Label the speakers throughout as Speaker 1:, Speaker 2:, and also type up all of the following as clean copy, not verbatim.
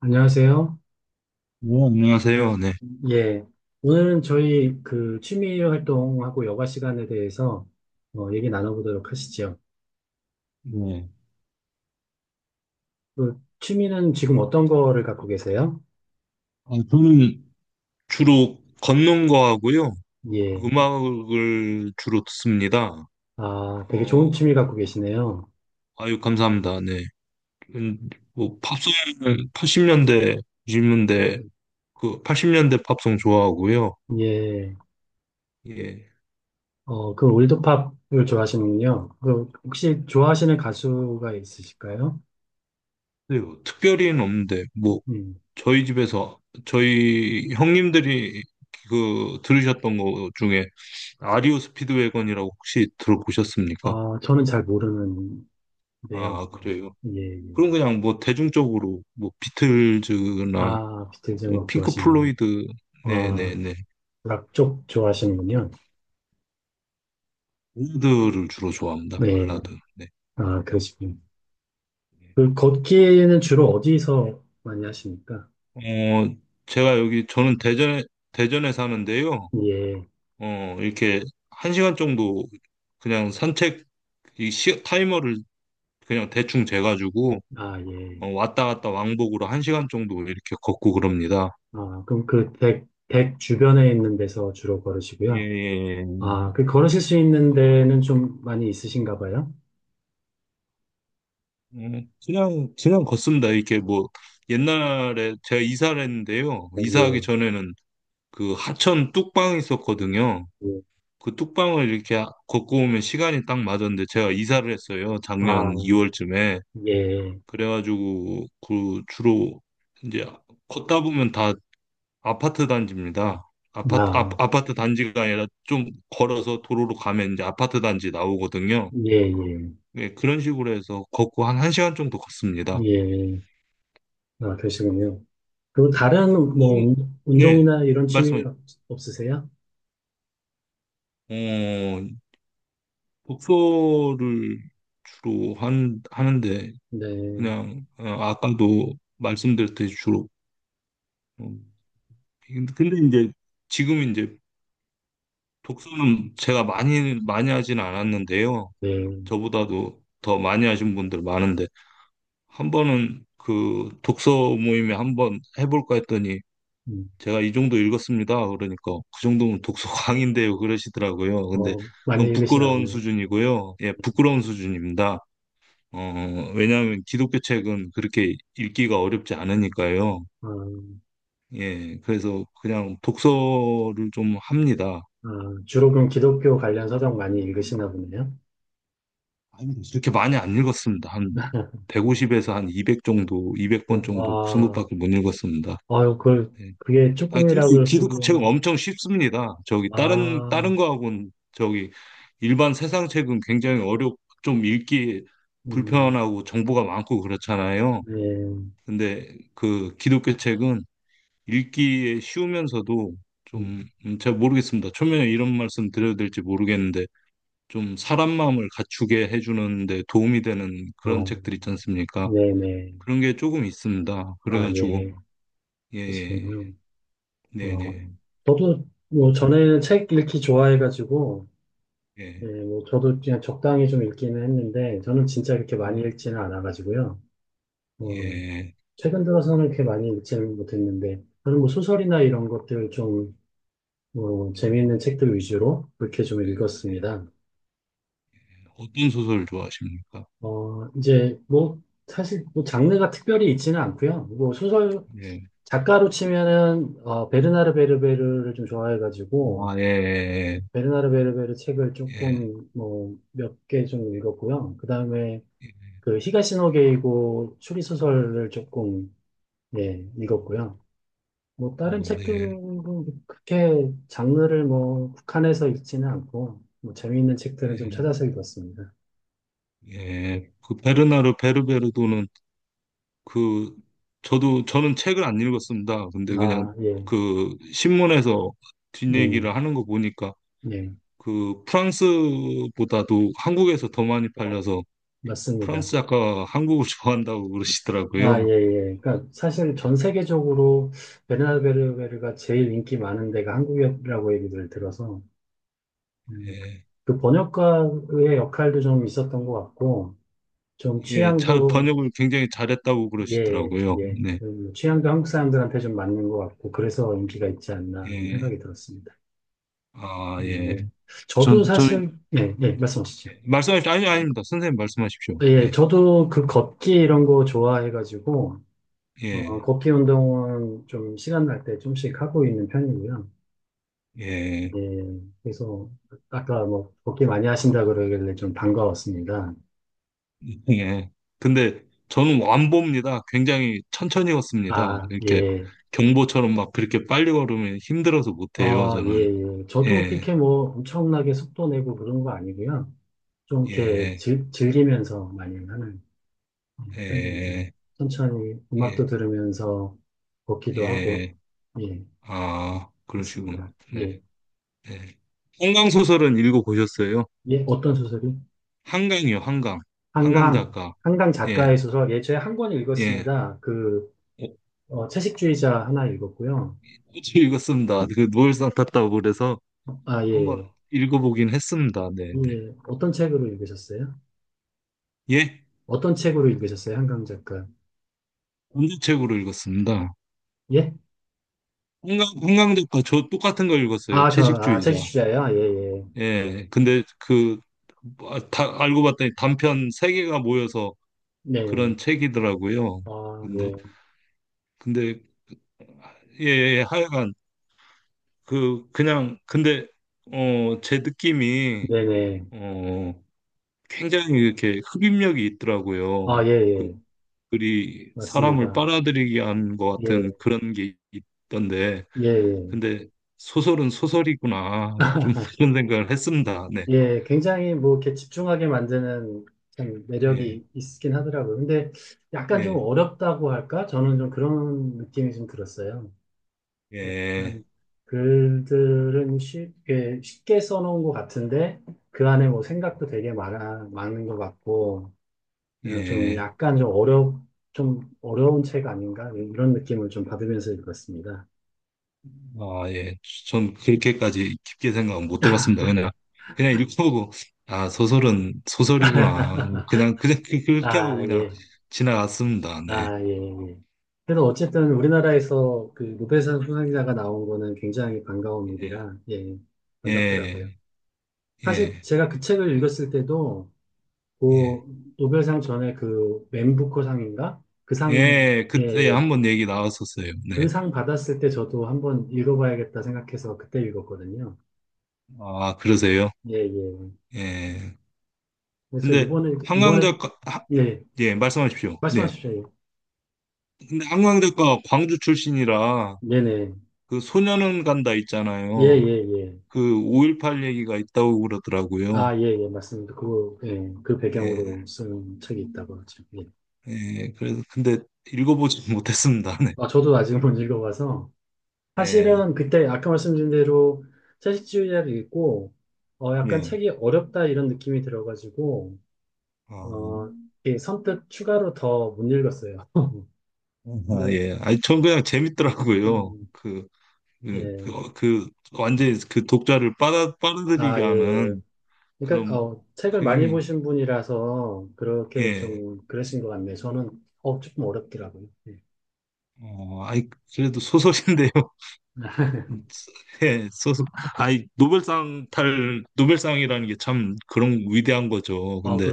Speaker 1: 안녕하세요.
Speaker 2: 네, 안녕하세요. 네.
Speaker 1: 예. 오늘은 저희 그 취미 활동하고 여가 시간에 대해서 어, 얘기 나눠보도록 하시죠.
Speaker 2: 네.
Speaker 1: 그 취미는 지금 어떤 거를 갖고 계세요?
Speaker 2: 아, 저는 주로 걷는 거 하고요.
Speaker 1: 예.
Speaker 2: 음악을 주로 듣습니다.
Speaker 1: 아, 되게
Speaker 2: 어,
Speaker 1: 좋은 취미 갖고 계시네요.
Speaker 2: 아유, 감사합니다. 네. 음, 뭐, 팝송은 80년대, 90년대 그 80년대 팝송 좋아하고요.
Speaker 1: 예.
Speaker 2: 예.
Speaker 1: 어, 그 올드팝을 좋아하시는군요. 그 혹시 좋아하시는 가수가 있으실까요?
Speaker 2: 네, 뭐 특별히는 없는데, 뭐,
Speaker 1: 음.
Speaker 2: 저희 집에서, 저희 형님들이 그 들으셨던 것 중에 아리오 스피드웨건이라고 혹시 들어보셨습니까?
Speaker 1: 아, 저는 잘 모르는데요.
Speaker 2: 아,
Speaker 1: 뭐,
Speaker 2: 그래요.
Speaker 1: 예, 예.
Speaker 2: 그럼 그냥 뭐 대중적으로 뭐 비틀즈나
Speaker 1: 아, 비틀즈
Speaker 2: 뭐
Speaker 1: 음악
Speaker 2: 핑크
Speaker 1: 좋아하시는군요.
Speaker 2: 플로이드
Speaker 1: 아,
Speaker 2: 네네네
Speaker 1: 락 쪽 좋아하시는군요.
Speaker 2: 발라드를 주로 좋아합니다.
Speaker 1: 네.
Speaker 2: 발라드. 네.
Speaker 1: 아, 그러시군요. 그 걷기는 주로 어디서 많이 하십니까?
Speaker 2: 어 제가 여기 저는 대전에 사는데요.
Speaker 1: 예.
Speaker 2: 이렇게 1시간 정도 그냥 산책 타이머를 그냥 대충 재가지고
Speaker 1: 아, 예.
Speaker 2: 왔다 갔다 왕복으로 1시간 정도 이렇게 걷고 그럽니다.
Speaker 1: 아, 그럼 그 댁 주변에 있는 데서 주로
Speaker 2: 예,
Speaker 1: 걸으시고요.
Speaker 2: 예,
Speaker 1: 아, 그
Speaker 2: 예.
Speaker 1: 걸으실 수 있는 데는 좀 많이 있으신가 봐요?
Speaker 2: 네, 그냥 걷습니다. 이렇게 뭐 옛날에 제가 이사를 했는데요.
Speaker 1: 네,
Speaker 2: 이사하기
Speaker 1: 예.
Speaker 2: 전에는 그 하천 뚝방이 있었거든요.
Speaker 1: 예.
Speaker 2: 그 뚝방을 이렇게 걷고 오면 시간이 딱 맞았는데 제가 이사를 했어요.
Speaker 1: 아,
Speaker 2: 작년 2월쯤에.
Speaker 1: 예.
Speaker 2: 그래가지고 그 주로 이제 걷다 보면 다 아파트 단지입니다.
Speaker 1: 아,
Speaker 2: 아파트 단지가 아니라 좀 걸어서 도로로 가면 이제 아파트 단지 나오거든요.
Speaker 1: 예, 예.
Speaker 2: 예, 그런 식으로 해서 걷고 한 1시간 정도 걷습니다.
Speaker 1: 예. 아, 그러시군요. 그리고 다른 뭐
Speaker 2: 음,
Speaker 1: 운-
Speaker 2: 네,
Speaker 1: 운동이나 이런 취미
Speaker 2: 말씀해.
Speaker 1: 없- 없으세요?
Speaker 2: 어, 독서를 주로 하는데,
Speaker 1: 네.
Speaker 2: 그냥, 아까도 말씀드렸듯이 주로. 음, 근데 이제, 지금 이제, 독서는 제가 많이, 하진 않았는데요.
Speaker 1: 네.
Speaker 2: 저보다도 더 많이 하신 분들 많은데, 한 번은 그 독서 모임에 한 번 해볼까 했더니,
Speaker 1: 음.
Speaker 2: 제가 이 정도 읽었습니다. 그러니까 그 정도면 독서 광인데요. 그러시더라고요. 근데
Speaker 1: 어, 많이
Speaker 2: 그건
Speaker 1: 읽으시나
Speaker 2: 부끄러운
Speaker 1: 보네요.
Speaker 2: 수준이고요. 예, 부끄러운 수준입니다. 왜냐하면 기독교 책은 그렇게 읽기가 어렵지 않으니까요.
Speaker 1: 아,
Speaker 2: 예, 그래서 그냥 독서를 좀 합니다.
Speaker 1: 아, 주로 그럼 기독교 관련 서적 많이 읽으시나 보네요.
Speaker 2: 아니, 그렇게 많이 안 읽었습니다. 한 150에서 한 200 정도,
Speaker 1: 어,
Speaker 2: 200권 정도, 그
Speaker 1: 와,
Speaker 2: 정도밖에 못 읽었습니다.
Speaker 1: 아유, 그,
Speaker 2: 예.
Speaker 1: 그게
Speaker 2: 아, 근데
Speaker 1: 조금이라고
Speaker 2: 이 기독교 책은
Speaker 1: 그러시기에는,
Speaker 2: 엄청 쉽습니다. 저기
Speaker 1: 아,
Speaker 2: 다른 거하고는 저기 일반 세상 책은 굉장히 어렵 좀 읽기
Speaker 1: 음,
Speaker 2: 불편하고 정보가 많고 그렇잖아요.
Speaker 1: 네,
Speaker 2: 근데 그 기독교 책은 읽기에 쉬우면서도
Speaker 1: 음,
Speaker 2: 좀 제가 모르겠습니다. 초면에 이런 말씀 드려도 될지 모르겠는데 좀 사람 마음을 갖추게 해주는 데 도움이 되는 그런
Speaker 1: 어,
Speaker 2: 책들 있지 않습니까?
Speaker 1: 네네,
Speaker 2: 그런 게 조금 있습니다.
Speaker 1: 아,
Speaker 2: 그래가지고
Speaker 1: 예,
Speaker 2: 예, 예.
Speaker 1: 그러시군요.
Speaker 2: 네,
Speaker 1: 어,
Speaker 2: 네,
Speaker 1: 저도 뭐 전에는 책 읽기 좋아해가지고, 예,
Speaker 2: 예,
Speaker 1: 뭐 저도 그냥 적당히 좀 읽기는 했는데, 저는 진짜 그렇게 많이
Speaker 2: 네,
Speaker 1: 읽지는 않아가지고요. 어,
Speaker 2: 예.
Speaker 1: 최근 들어서는 그렇게 많이 읽지는 못했는데, 저는 뭐 소설이나 이런 것들 좀 뭐 재미있는
Speaker 2: 어,
Speaker 1: 책들 위주로 그렇게 좀
Speaker 2: 예.
Speaker 1: 읽었습니다.
Speaker 2: 어떤 소설 좋아하십니까?
Speaker 1: 어, 이제 뭐 사실 뭐 장르가 특별히 있지는 않고요. 뭐 소설
Speaker 2: 예.
Speaker 1: 작가로 치면은 어, 베르나르 베르베르를 좀 좋아해가지고
Speaker 2: 아, 예, 예,
Speaker 1: 베르나르 베르베르 책을
Speaker 2: 예,
Speaker 1: 조금 뭐 몇 개 좀 읽었고요. 그다음에
Speaker 2: 예,
Speaker 1: 그 히가시노게이고 추리소설을 조금 예, 읽었고요. 뭐 다른
Speaker 2: 예,
Speaker 1: 책들은 그렇게 장르를 뭐 국한해서 읽지는 않고 뭐 재미있는 책들은 좀
Speaker 2: 예,
Speaker 1: 찾아서 읽었습니다.
Speaker 2: 예. 그 베르나르 베르베르도는 그 저도 저는 책을 안 읽었습니다. 근데 그냥
Speaker 1: 아, 예,
Speaker 2: 그 신문에서
Speaker 1: 음,
Speaker 2: 뒷얘기를 하는 거 보니까
Speaker 1: 예,
Speaker 2: 그 프랑스보다도 한국에서 더 많이
Speaker 1: 어,
Speaker 2: 팔려서
Speaker 1: 맞습니다.
Speaker 2: 프랑스 작가가 한국을 좋아한다고
Speaker 1: 아, 예,
Speaker 2: 그러시더라고요.
Speaker 1: 예. 그러니까 사실 전 세계적으로 베르나베르베르가 제일 인기 많은 데가 한국이라고 얘기를 들어서 음,
Speaker 2: 예,
Speaker 1: 그 번역가의 역할도 좀 있었던 것 같고 좀
Speaker 2: 예, 잘
Speaker 1: 취향도
Speaker 2: 번역을 굉장히 잘했다고
Speaker 1: 예,
Speaker 2: 그러시더라고요.
Speaker 1: 예,
Speaker 2: 네,
Speaker 1: 뭐 취향도 한국 사람들한테 좀 맞는 것 같고 그래서 인기가 있지 않나 하는
Speaker 2: 예.
Speaker 1: 생각이 들었습니다.
Speaker 2: 아, 예.
Speaker 1: 예. 저도
Speaker 2: 전, 저는,
Speaker 1: 사실 예, 예, 말씀하시죠.
Speaker 2: 말씀하십시오. 아니, 아닙니다. 선생님 말씀하십시오.
Speaker 1: 예,
Speaker 2: 네.
Speaker 1: 저도 그 걷기 이런 거 좋아해가지고. 어,
Speaker 2: 예,
Speaker 1: 걷기 운동은 좀 시간 날 때 좀씩 하고 있는 편이고요.
Speaker 2: 예,
Speaker 1: 예, 그래서 아까 뭐 걷기 많이 하신다 그러길래 좀 반가웠습니다.
Speaker 2: 예. 근데 저는 완보입니다. 굉장히 천천히 걷습니다.
Speaker 1: 아,
Speaker 2: 이렇게
Speaker 1: 예.
Speaker 2: 경보처럼 막 그렇게 빨리 걸으면 힘들어서 못해요,
Speaker 1: 아, 예,
Speaker 2: 저는.
Speaker 1: 예. 저도
Speaker 2: 예,
Speaker 1: 그렇게 뭐 엄청나게 속도 내고 그런 거 아니고요. 좀 이렇게
Speaker 2: 예,
Speaker 1: 즐기면서 많이 하는 편입니다.
Speaker 2: 예,
Speaker 1: 천천히 음악도
Speaker 2: 예,
Speaker 1: 들으면서 걷기도 하고,
Speaker 2: 예.
Speaker 1: 예,
Speaker 2: 아,
Speaker 1: 그렇습니다.
Speaker 2: 그러시구나. 네,
Speaker 1: 예,
Speaker 2: 네. 한강소설은 읽어보셨어요?
Speaker 1: 예, 어떤 소설이?
Speaker 2: 한강이요, 한강. 한강
Speaker 1: 한강.
Speaker 2: 작가.
Speaker 1: 한강 작가의
Speaker 2: 예,
Speaker 1: 소설, 예, 저에 한 권
Speaker 2: 예.
Speaker 1: 읽었습니다. 그,
Speaker 2: 어,
Speaker 1: 어, 채식주의자 하나 읽었고요.
Speaker 2: 어제 읽었습니다. 그 노벨상 탔다고 그래서
Speaker 1: 아,
Speaker 2: 한번
Speaker 1: 예.
Speaker 2: 읽어보긴 했습니다. 네, 네.
Speaker 1: 예. 어떤 책으로 읽으셨어요?
Speaker 2: 예,
Speaker 1: 어떤 책으로 읽으셨어요? 한강 작가.
Speaker 2: 전제책으로 읽었습니다.
Speaker 1: 예?
Speaker 2: 홍강 작가 저 똑같은 거 읽었어요.
Speaker 1: 아, 저, 아,
Speaker 2: 채식주의자.
Speaker 1: 채식주의자예요? 아, 예, 예.
Speaker 2: 예, 근데 알고 봤더니 단편 세개가 모여서
Speaker 1: 네.
Speaker 2: 그런 책이더라고요.
Speaker 1: 아,
Speaker 2: 근데,
Speaker 1: 예.
Speaker 2: 근데, 예, 예, 예, 하여간, 그냥, 근데, 제 느낌이,
Speaker 1: 네네.
Speaker 2: 어, 굉장히 이렇게 흡입력이
Speaker 1: 아,
Speaker 2: 있더라고요.
Speaker 1: 예,
Speaker 2: 그
Speaker 1: 예.
Speaker 2: 그리 사람을
Speaker 1: 맞습니다.
Speaker 2: 빨아들이게 한 것
Speaker 1: 예,
Speaker 2: 같은 그런 게 있던데,
Speaker 1: 예, 예.
Speaker 2: 근데 소설은 소설이구나. 좀 그런 생각을 했습니다. 네.
Speaker 1: 예, 굉장히 뭐 이렇게 집중하게 만드는 참
Speaker 2: 예,
Speaker 1: 매력이 있긴 하더라고요. 근데 약간 좀
Speaker 2: 예,
Speaker 1: 어렵다고 할까? 저는 좀 그런 느낌이 좀 들었어요.
Speaker 2: 예,
Speaker 1: 약간 글들은 쉽게, 쉽게 써놓은 것 같은데, 그 안에 뭐 생각도 되게 많은 것 같고, 어, 좀
Speaker 2: 예.
Speaker 1: 약간 좀 어려운 책 아닌가? 이런 느낌을 좀 받으면서 읽었습니다.
Speaker 2: 아, 예. 전 그렇게까지 깊게 생각 못 해봤습니다. 그냥 읽어보고, 아, 소설은 소설이구나. 그렇게 하고
Speaker 1: 아,
Speaker 2: 그냥
Speaker 1: 예.
Speaker 2: 지나갔습니다. 네.
Speaker 1: 아, 예, 예. 그래도 어쨌든 우리나라에서 그 노벨상 수상자가 나온 거는 굉장히 반가운
Speaker 2: 예,
Speaker 1: 일이라, 예, 반갑더라고요.
Speaker 2: 예,
Speaker 1: 사실
Speaker 2: 예,
Speaker 1: 제가 그 책을 읽었을 때도, 그
Speaker 2: 예.
Speaker 1: 노벨상 전에 그 맨부커 상인가? 그 상, 예.
Speaker 2: 예,
Speaker 1: 예,
Speaker 2: 그때
Speaker 1: 예.
Speaker 2: 한번 얘기 나왔었어요. 네.
Speaker 1: 그 상 받았을 때 저도 한번 읽어봐야겠다 생각해서 그때 읽었거든요.
Speaker 2: 아, 그러세요?
Speaker 1: 예, 예.
Speaker 2: 예.
Speaker 1: 그래서
Speaker 2: 근데
Speaker 1: 이번에, 예,
Speaker 2: 예, 말씀하십시오. 네.
Speaker 1: 말씀하십시오. 예.
Speaker 2: 근데 한강대학과 광주 출신이라
Speaker 1: 네네.
Speaker 2: 그 소년은 간다
Speaker 1: 예,
Speaker 2: 있잖아요.
Speaker 1: 예, 예.
Speaker 2: 그 5.18 얘기가 있다고 그러더라고요.
Speaker 1: 아, 예, 예, 맞습니다. 그, 예, 그
Speaker 2: 예.
Speaker 1: 배경으로 쓴 책이 있다고 하죠. 예.
Speaker 2: 예. 그래서 근데 읽어보지 못했습니다. 네.
Speaker 1: 아, 저도 아직 못 읽어봐서.
Speaker 2: 예.
Speaker 1: 사실은 그때 아까 말씀드린 대로 채식주의자를 읽고, 어, 약간
Speaker 2: 예.
Speaker 1: 책이 어렵다 이런 느낌이 들어가지고,
Speaker 2: 아,
Speaker 1: 어, 예, 선뜻 추가로 더 못 읽었어요.
Speaker 2: 아,
Speaker 1: 근데요,
Speaker 2: 예. 아니 전 그냥 재밌더라고요.
Speaker 1: 음, 예,
Speaker 2: 그 완전히 그 독자를
Speaker 1: 아,
Speaker 2: 빨아들이게
Speaker 1: 예, 예.
Speaker 2: 하는
Speaker 1: 그러니까,
Speaker 2: 그런
Speaker 1: 어, 책을
Speaker 2: 그
Speaker 1: 많이
Speaker 2: 힘이
Speaker 1: 보신 분이라서 그렇게
Speaker 2: 예.
Speaker 1: 좀 그러신 것 같네요. 저는, 어, 조금 어렵더라고요. 예.
Speaker 2: 아이, 그래도 소설인데요. 네, 소서아니 노벨상 탈 노벨상이라는 게 참 그런 위대한 거죠.
Speaker 1: 아,
Speaker 2: 근데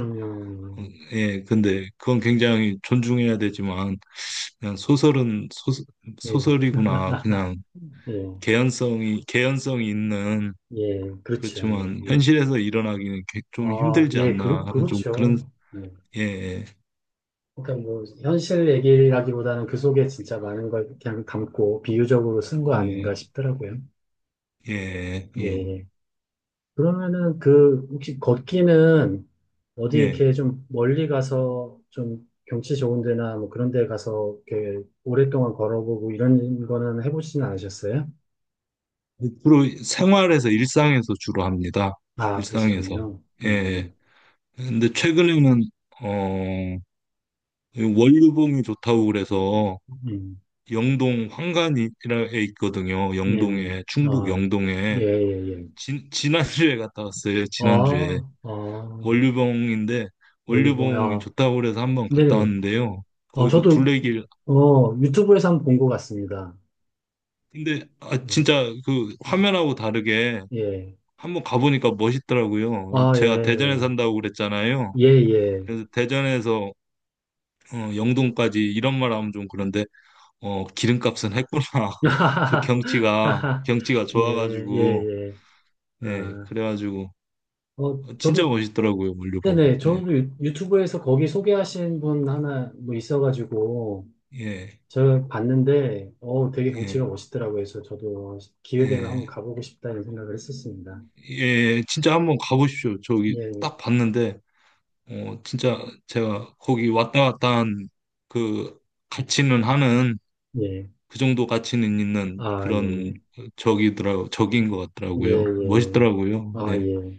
Speaker 2: 어, 예, 근데 그건 굉장히 존중해야 되지만 그냥 소설은
Speaker 1: 예, 예,
Speaker 2: 소설이구나. 그냥
Speaker 1: 예,
Speaker 2: 개연성이 있는
Speaker 1: 예, 그렇죠.
Speaker 2: 그렇지만
Speaker 1: 예, 예.
Speaker 2: 현실에서 일어나기는 좀
Speaker 1: 아,
Speaker 2: 힘들지
Speaker 1: 예,
Speaker 2: 않나.
Speaker 1: 그렇,
Speaker 2: 좀
Speaker 1: 그렇죠.
Speaker 2: 그런
Speaker 1: 예.
Speaker 2: 예,
Speaker 1: 그러니까 뭐, 현실 얘기라기보다는 그 속에 진짜 많은 걸 그냥 담고 비유적으로 쓴 거 아닌가
Speaker 2: 예,
Speaker 1: 싶더라고요.
Speaker 2: 예,
Speaker 1: 예,
Speaker 2: 예,
Speaker 1: 예. 그러면은 그 혹시 걷기는 어디
Speaker 2: 예.
Speaker 1: 이렇게 좀 멀리 가서 좀 경치 좋은 데나 뭐 그런 데 가서 이렇게 오랫동안 걸어보고 이런 거는 해보시진 않으셨어요?
Speaker 2: 주로 생활에서 일상에서 주로 합니다.
Speaker 1: 아,
Speaker 2: 일상에서
Speaker 1: 그러시군요.
Speaker 2: 예. 근데 최근에는 어 원류봉이 좋다고 그래서
Speaker 1: 음,
Speaker 2: 영동 황간이라에 있거든요.
Speaker 1: 네, 네.
Speaker 2: 영동에 충북
Speaker 1: 아, 예,
Speaker 2: 영동에
Speaker 1: 예, 예.
Speaker 2: 지난주에 갔다 왔어요. 지난주에
Speaker 1: 아, 아,
Speaker 2: 원류봉인데
Speaker 1: 원료봉,
Speaker 2: 원류봉이
Speaker 1: 아,
Speaker 2: 좋다고 그래서 한번 갔다
Speaker 1: 네네.
Speaker 2: 왔는데요.
Speaker 1: 아,
Speaker 2: 거기도
Speaker 1: 저도,
Speaker 2: 둘레길
Speaker 1: 어, 유튜브에서 한 번 본 것 같습니다.
Speaker 2: 근데 아
Speaker 1: 예,
Speaker 2: 진짜 그 화면하고 다르게
Speaker 1: 예.
Speaker 2: 한번 가보니까 멋있더라고요.
Speaker 1: 아,
Speaker 2: 제가
Speaker 1: 예,
Speaker 2: 대전에 산다고 그랬잖아요.
Speaker 1: 예, 예.
Speaker 2: 그래서 대전에서 영동까지 이런 말 하면 좀 그런데 기름값은 했구나. 그 경치가
Speaker 1: 예, 예,
Speaker 2: 좋아가지고,
Speaker 1: 예.
Speaker 2: 예,
Speaker 1: 아,
Speaker 2: 그래가지고,
Speaker 1: 어,
Speaker 2: 진짜
Speaker 1: 저도,
Speaker 2: 멋있더라고요, 물류봉.
Speaker 1: 네네,
Speaker 2: 네,
Speaker 1: 저도 유튜브에서 거기 소개하신 분 하나 뭐 있어가지고,
Speaker 2: 예,
Speaker 1: 제가 봤는데, 어, 되게 경치가
Speaker 2: 예,
Speaker 1: 멋있더라고요. 그래서 저도 기회 되면 한번
Speaker 2: 예,
Speaker 1: 가보고 싶다는 생각을 했었습니다.
Speaker 2: 예, 진짜 한번 가보십시오. 저기
Speaker 1: 예,
Speaker 2: 딱 봤는데, 진짜 제가 거기 왔다 갔다 한 그 가치는 하는,
Speaker 1: 예.
Speaker 2: 그 정도 가치는 있는
Speaker 1: 아,
Speaker 2: 그런
Speaker 1: 예.
Speaker 2: 적인 것
Speaker 1: 예,
Speaker 2: 같더라고요.
Speaker 1: 예.
Speaker 2: 멋있더라고요.
Speaker 1: 아,
Speaker 2: 네.
Speaker 1: 예.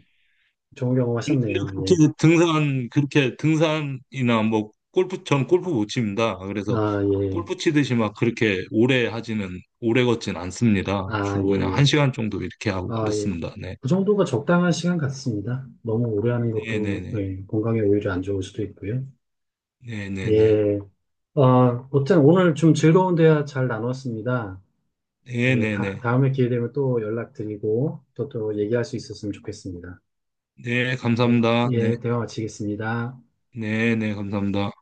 Speaker 1: 좋은 경험
Speaker 2: 근데
Speaker 1: 하셨네요. 예.
Speaker 2: 그렇게 등산이나 뭐 골프, 전 골프 못 칩니다. 그래서
Speaker 1: 아, 예.
Speaker 2: 골프 치듯이 막 그렇게 오래 하지는, 오래 걷진 않습니다.
Speaker 1: 아,
Speaker 2: 주로
Speaker 1: 예,
Speaker 2: 그냥 한
Speaker 1: 예.
Speaker 2: 시간 정도 이렇게 하고
Speaker 1: 아, 예.
Speaker 2: 그렇습니다. 네.
Speaker 1: 그 정도가 적당한 시간 같습니다. 너무 오래 하는 것도
Speaker 2: 네네네.
Speaker 1: 예, 건강에 오히려 안 좋을 수도 있고요.
Speaker 2: 네네네.
Speaker 1: 예. 어, 어쨌든 오늘 좀 즐거운 대화 잘 나눴습니다. 예, 다,
Speaker 2: 네네네.
Speaker 1: 다음에 기회 되면 또 연락드리고 또 또 얘기할 수 있었으면 좋겠습니다.
Speaker 2: 네,
Speaker 1: 예,
Speaker 2: 감사합니다. 네.
Speaker 1: 예, 대화 마치겠습니다.
Speaker 2: 네네, 감사합니다.